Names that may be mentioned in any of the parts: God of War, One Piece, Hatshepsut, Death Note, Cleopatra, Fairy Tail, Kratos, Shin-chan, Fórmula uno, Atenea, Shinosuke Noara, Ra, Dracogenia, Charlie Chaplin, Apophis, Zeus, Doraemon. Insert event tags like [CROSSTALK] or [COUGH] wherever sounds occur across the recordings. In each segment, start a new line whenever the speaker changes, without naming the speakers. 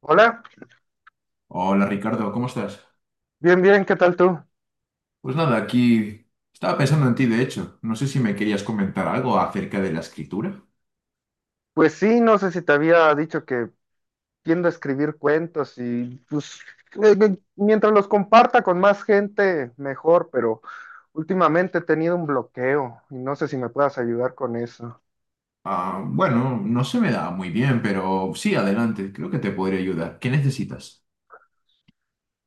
Hola,
Hola Ricardo, ¿cómo estás?
bien, bien, ¿qué tal tú?
Pues nada, aquí estaba pensando en ti, de hecho. No sé si me querías comentar algo acerca de la escritura.
Pues sí, no sé si te había dicho que tiendo a escribir cuentos y pues mientras los comparta con más gente, mejor, pero últimamente he tenido un bloqueo y no sé si me puedas ayudar con eso.
Ah, bueno, no se me da muy bien, pero sí, adelante, creo que te podría ayudar. ¿Qué necesitas?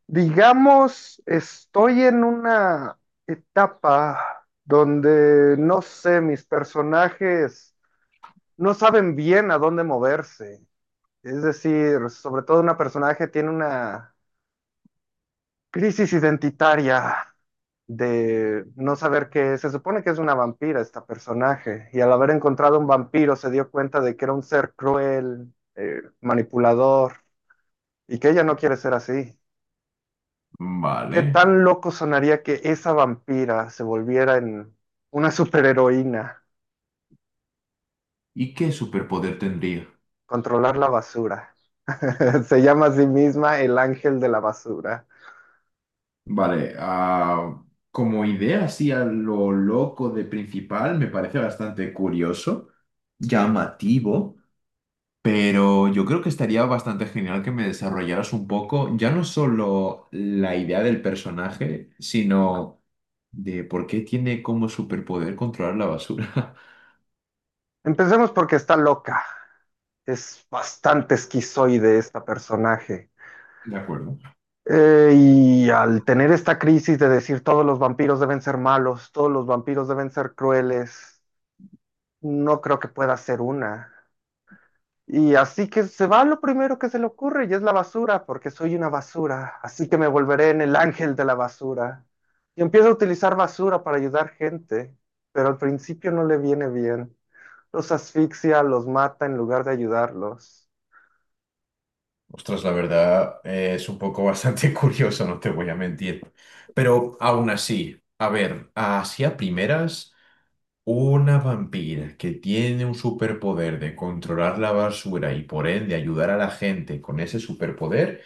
Digamos, estoy en una etapa donde, no sé, mis personajes no saben bien a dónde moverse. Es decir, sobre todo un personaje tiene una crisis identitaria de no saber qué es. Se supone que es una vampira esta personaje y al haber encontrado un vampiro se dio cuenta de que era un ser cruel, manipulador y que ella no quiere ser así.
Vale.
¿Qué tan loco sonaría que esa vampira se volviera en una superheroína,
¿Y qué superpoder tendría?
controlar la basura? [LAUGHS] Se llama a sí misma el ángel de la basura.
Vale, como idea así a lo loco de principal, me parece bastante curioso, llamativo. Pero yo creo que estaría bastante genial que me desarrollaras un poco, ya no solo la idea del personaje, sino de por qué tiene como superpoder controlar la basura.
Empecemos porque está loca. Es bastante esquizoide esta personaje.
[LAUGHS] De acuerdo.
Y al tener esta crisis de decir todos los vampiros deben ser malos, todos los vampiros deben ser crueles, no creo que pueda ser una. Y así que se va lo primero que se le ocurre y es la basura, porque soy una basura, así que me volveré en el ángel de la basura. Y empieza a utilizar basura para ayudar gente, pero al principio no le viene bien. Los asfixia, los mata en lugar de ayudarlos.
Ostras, la verdad es un poco bastante [LAUGHS] curioso, no te voy a mentir. Pero aún así, a ver, así a primeras, una vampira que tiene un superpoder de controlar la basura y por ende ayudar a la gente con ese superpoder.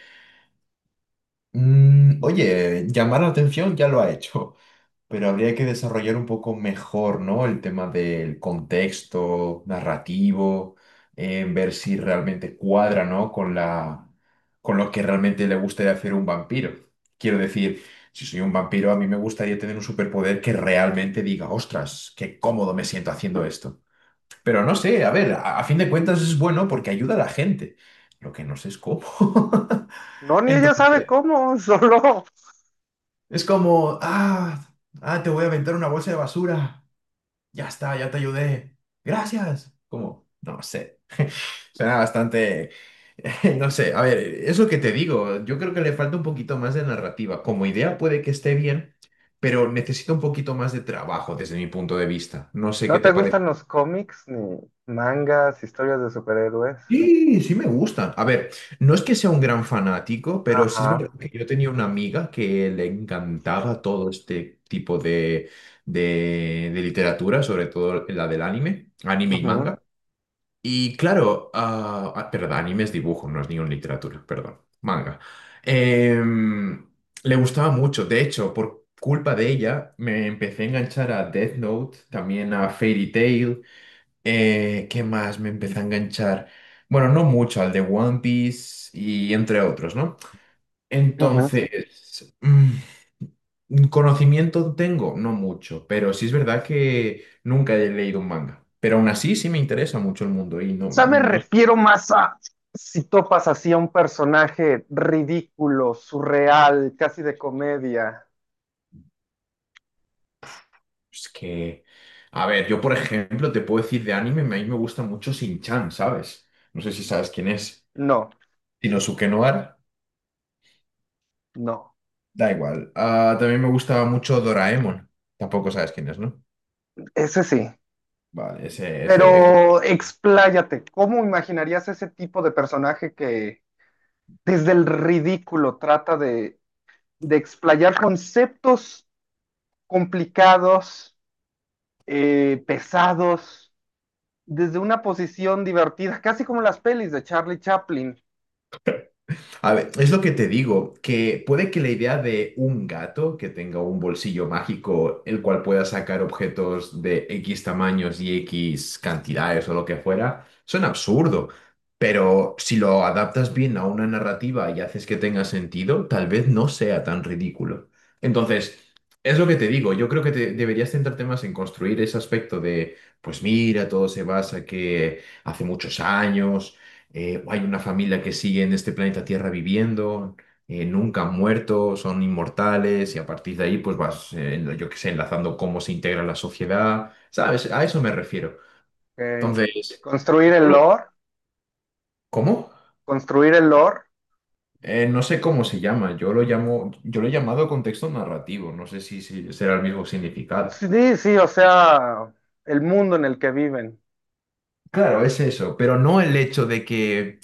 Mm, oye, llamar la atención ya lo ha hecho, [LAUGHS] pero habría que desarrollar un poco mejor, ¿no? El tema del contexto narrativo, en ver si realmente cuadra, ¿no? Con la, con lo que realmente le gustaría hacer un vampiro. Quiero decir, si soy un vampiro, a mí me gustaría tener un superpoder que realmente diga, ostras, qué cómodo me siento haciendo esto. Pero no sé, a ver, a fin de cuentas es bueno porque ayuda a la gente. Lo que no sé es cómo.
No, ni ella
[LAUGHS]
sabe cómo, [LAUGHS] solo.
Es como, te voy a aventar una bolsa de basura. Ya está, ya te ayudé. Gracias. Como, no sé. Suena bastante, [LAUGHS] no sé. A ver, es lo que te digo. Yo creo que le falta un poquito más de narrativa. Como idea puede que esté bien, pero necesita un poquito más de trabajo desde mi punto de vista. No sé qué
¿No te
te
gustan
parece.
los cómics, ni mangas, historias de superhéroes?
Sí, sí me gustan. A ver, no es que sea un gran fanático, pero sí es verdad
Ajá.
que yo tenía una amiga que le encantaba todo este tipo de, de literatura, sobre todo la del anime, anime y
Ujú,
manga. Y claro, perdón, anime es dibujo, no es ni una literatura, perdón, manga. Em, le gustaba mucho, de hecho, por culpa de ella me empecé a enganchar a Death Note, también a Fairy Tail. ¿Qué más me empecé a enganchar? Bueno, no mucho, al de One Piece y entre otros, ¿no?
ujú. O
Entonces, mm, conocimiento tengo, no mucho, pero sí es verdad que nunca he leído un manga. Pero aún así sí me interesa mucho el mundo y no,
sea, me
no
refiero más a si topas así a un personaje ridículo, surreal, casi de comedia.
es que... A ver, yo por ejemplo te puedo decir de anime, a mí me gusta mucho Shin-chan, ¿sabes? No sé si sabes quién es.
No,
Shinosuke Noara,
no.
da igual. Ah, también me gustaba mucho Doraemon, tampoco sabes quién es, ¿no?
Ese sí.
Vale, ese.
Pero expláyate, ¿cómo imaginarías ese tipo de personaje que desde el ridículo trata de explayar conceptos complicados, pesados? Desde una posición divertida, casi como las pelis de Charlie Chaplin.
A ver, es lo que te digo, que puede que la idea de un gato que tenga un bolsillo mágico, el cual pueda sacar objetos de X tamaños y X cantidades o lo que fuera, suena absurdo. Pero si lo adaptas bien a una narrativa y haces que tenga sentido, tal vez no sea tan ridículo. Entonces, es lo que te digo, yo creo que deberías centrarte más en construir ese aspecto de, pues mira, todo se basa que hace muchos años. Hay una familia que sigue en este planeta Tierra viviendo, nunca han muerto, son inmortales y a partir de ahí pues vas, yo qué sé, enlazando cómo se integra la sociedad, ¿sabes? A eso me refiero.
Ok.
Entonces,
Construir
yo
el
lo-
lore,
¿cómo?
construir el lore.
No sé cómo se llama, yo lo llamo, yo lo he llamado contexto narrativo, no sé si, si será el mismo significado.
Sí, sí, o sea, el mundo en el que viven.
Claro, es eso, pero no el hecho de que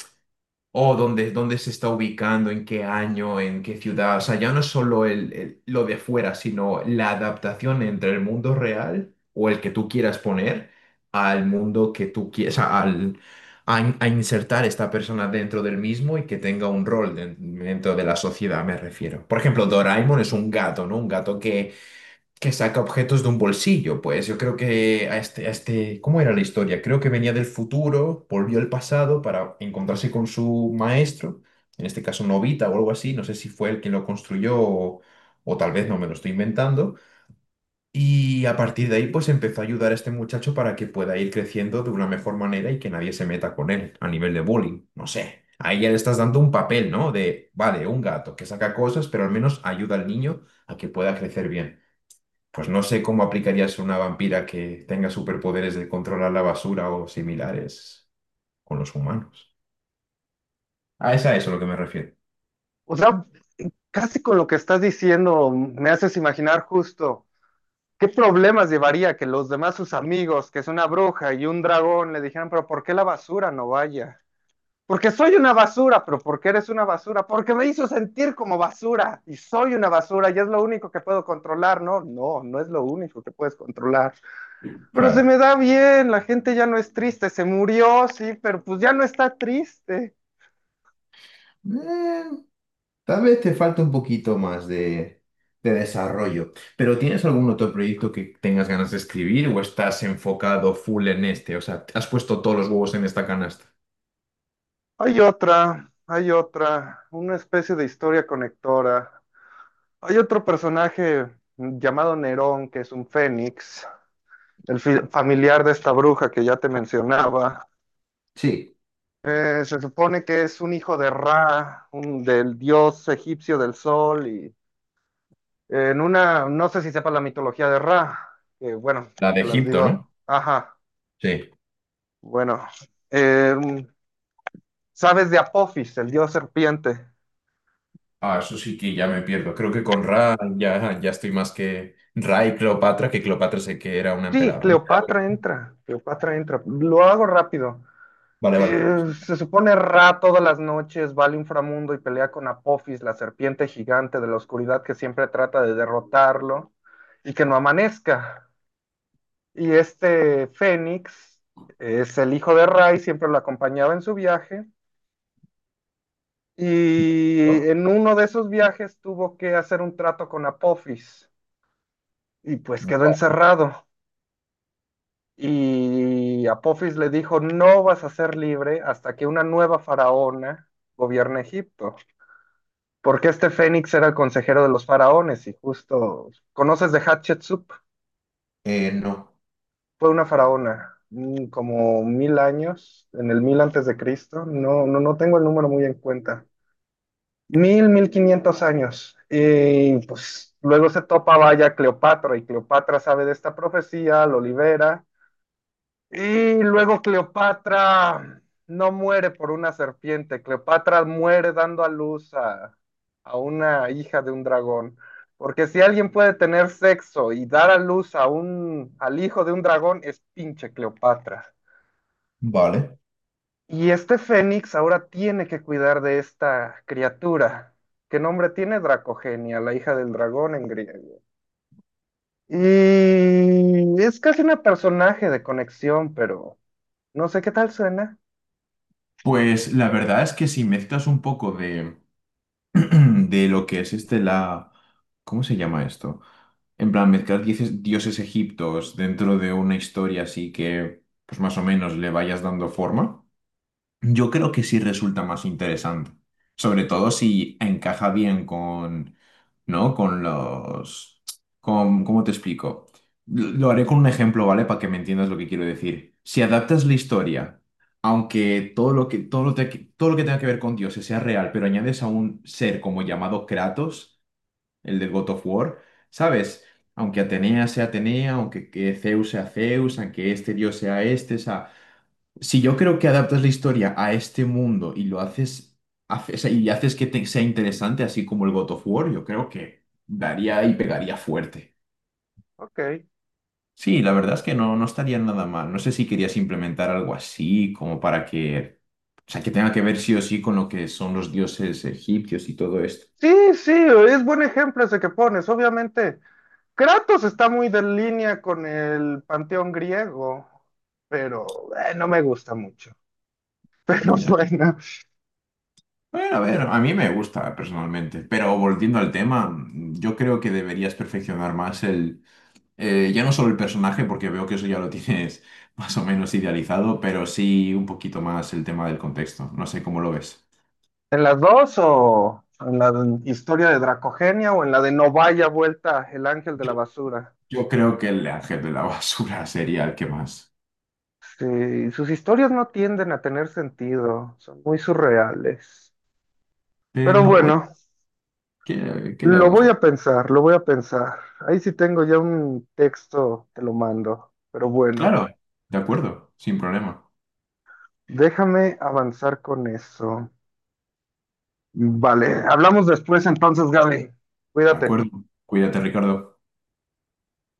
o dónde, dónde se está ubicando, en qué año, en qué ciudad. O sea, ya no es solo el, lo de fuera, sino la adaptación entre el mundo real o el que tú quieras poner al mundo que tú quieras, al, a insertar esta persona dentro del mismo y que tenga un rol dentro de la sociedad, me refiero. Por ejemplo, Doraemon es un gato, ¿no? Un gato que saca objetos de un bolsillo. Pues yo creo que a este, ¿cómo era la historia? Creo que venía del futuro, volvió al pasado para encontrarse con su maestro, en este caso Novita o algo así, no sé si fue él quien lo construyó o tal vez no me lo estoy inventando. Y a partir de ahí pues empezó a ayudar a este muchacho para que pueda ir creciendo de una mejor manera y que nadie se meta con él a nivel de bullying, no sé. Ahí ya le estás dando un papel, ¿no? De, vale, un gato que saca cosas, pero al menos ayuda al niño a que pueda crecer bien. Pues no sé cómo aplicarías a una vampira que tenga superpoderes de controlar la basura o similares con los humanos. Ah, es a eso a lo que me refiero.
O sea, casi con lo que estás diciendo, me haces imaginar justo qué problemas llevaría que los demás, sus amigos, que es una bruja y un dragón, le dijeran, pero ¿por qué la basura no vaya? Porque soy una basura, pero ¿por qué eres una basura, porque me hizo sentir como basura y soy una basura y es lo único que puedo controlar, ¿no? No, no es lo único que puedes controlar. Pero se
Claro.
me da bien, la gente ya no es triste, se murió, sí, pero pues ya no está triste.
Eh, tal vez te falta un poquito más de desarrollo, pero ¿tienes algún otro proyecto que tengas ganas de escribir o estás enfocado full en este? O sea, ¿has puesto todos los huevos en esta canasta?
Hay otra, una especie de historia conectora. Hay otro personaje llamado Nerón, que es un fénix, el familiar de esta bruja que ya te mencionaba.
Sí,
Se supone que es un hijo de Ra, del dios egipcio del sol, y en una, no sé si sepa la mitología de Ra, que bueno,
la de
te las
Egipto, ¿no?
digo. Ajá,
Sí.
bueno. eh, ¿Sabes de Apophis, el dios serpiente?
Ah, eso sí que ya me pierdo. Creo que con Ra ya, ya estoy más que Ra y Cleopatra, que Cleopatra sé que era una
Sí,
emperadora.
Cleopatra entra, Cleopatra entra. Lo hago rápido.
Vale, vale.
Se supone Ra todas las noches va al inframundo y pelea con Apophis, la serpiente gigante de la oscuridad que siempre trata de derrotarlo y que no amanezca. Y este Fénix es el hijo de Ray, siempre lo acompañaba en su viaje. Y
¿No?
en uno de esos viajes tuvo que hacer un trato con Apophis y pues quedó
Vale.
encerrado. Y Apophis le dijo, no vas a ser libre hasta que una nueva faraona gobierne Egipto, porque este Fénix era el consejero de los faraones y justo, ¿conoces de Hatshepsut?
No.
Fue una faraona, como 1000 años, en el 1000 a. C., no, no, no tengo el número muy en cuenta, mil, 1500 años, y pues luego se topa vaya Cleopatra, y Cleopatra sabe de esta profecía, lo libera, y luego Cleopatra no muere por una serpiente, Cleopatra muere dando a luz a una hija de un dragón. Porque si alguien puede tener sexo y dar a luz a al hijo de un dragón, es pinche Cleopatra.
Vale.
Y este Fénix ahora tiene que cuidar de esta criatura. ¿Qué nombre tiene Dracogenia, la hija del dragón en griego? Y es casi una personaje de conexión, pero no sé qué tal suena.
Pues la verdad es que si mezclas un poco de, [CLEARS THROAT] de lo que es este la... ¿Cómo se llama esto? En plan, mezclar dioses egiptos dentro de una historia así que, pues más o menos, le vayas dando forma. Yo creo que sí resulta más interesante, sobre todo si encaja bien con, ¿no? Con los, con, ¿cómo te explico? Lo haré con un ejemplo, ¿vale? Para que me entiendas lo que quiero decir. Si adaptas la historia, aunque todo lo que, todo lo que tenga que ver con dioses sea real, pero añades a un ser como llamado Kratos, el del God of War, ¿sabes? Aunque Atenea sea Atenea, aunque que Zeus sea Zeus, aunque este dios sea este, o sea, si yo creo que adaptas la historia a este mundo y lo haces, o sea, y haces que sea interesante, así como el God of War, yo creo que daría y pegaría fuerte.
Ok.
Sí, la verdad es que no, no estaría nada mal. No sé si querías implementar algo así, como para que, o sea, que tenga que ver sí o sí con lo que son los dioses egipcios y todo esto.
Sí, sí, es buen ejemplo ese que pones. Obviamente, Kratos está muy de línea con el panteón griego, pero no me gusta mucho. [LAUGHS] Pero
Mm, ya.
bueno,
Bueno, a ver, a mí me gusta personalmente, pero volviendo al tema, yo creo que deberías perfeccionar más. Ya no solo el personaje, porque veo que eso ya lo tienes [LAUGHS] más o menos idealizado, pero sí un poquito más el tema del contexto. No sé cómo lo ves.
en las dos o en la historia de Dracogenia o en la de No vaya vuelta el ángel de la basura.
Yo creo que el ángel de la basura [LAUGHS] sería el que más.
Sí, sus historias no tienden a tener sentido, son muy surreales. Pero
Pero, oye,
bueno,
qué le
lo
vamos a
voy
hacer?
a pensar, lo voy a pensar. Ahí sí tengo ya un texto, te lo mando, pero bueno.
Claro, de acuerdo, sin problema.
Déjame avanzar con eso. Vale, hablamos después entonces, Gaby.
De
Cuídate.
acuerdo. Cuídate, Ricardo.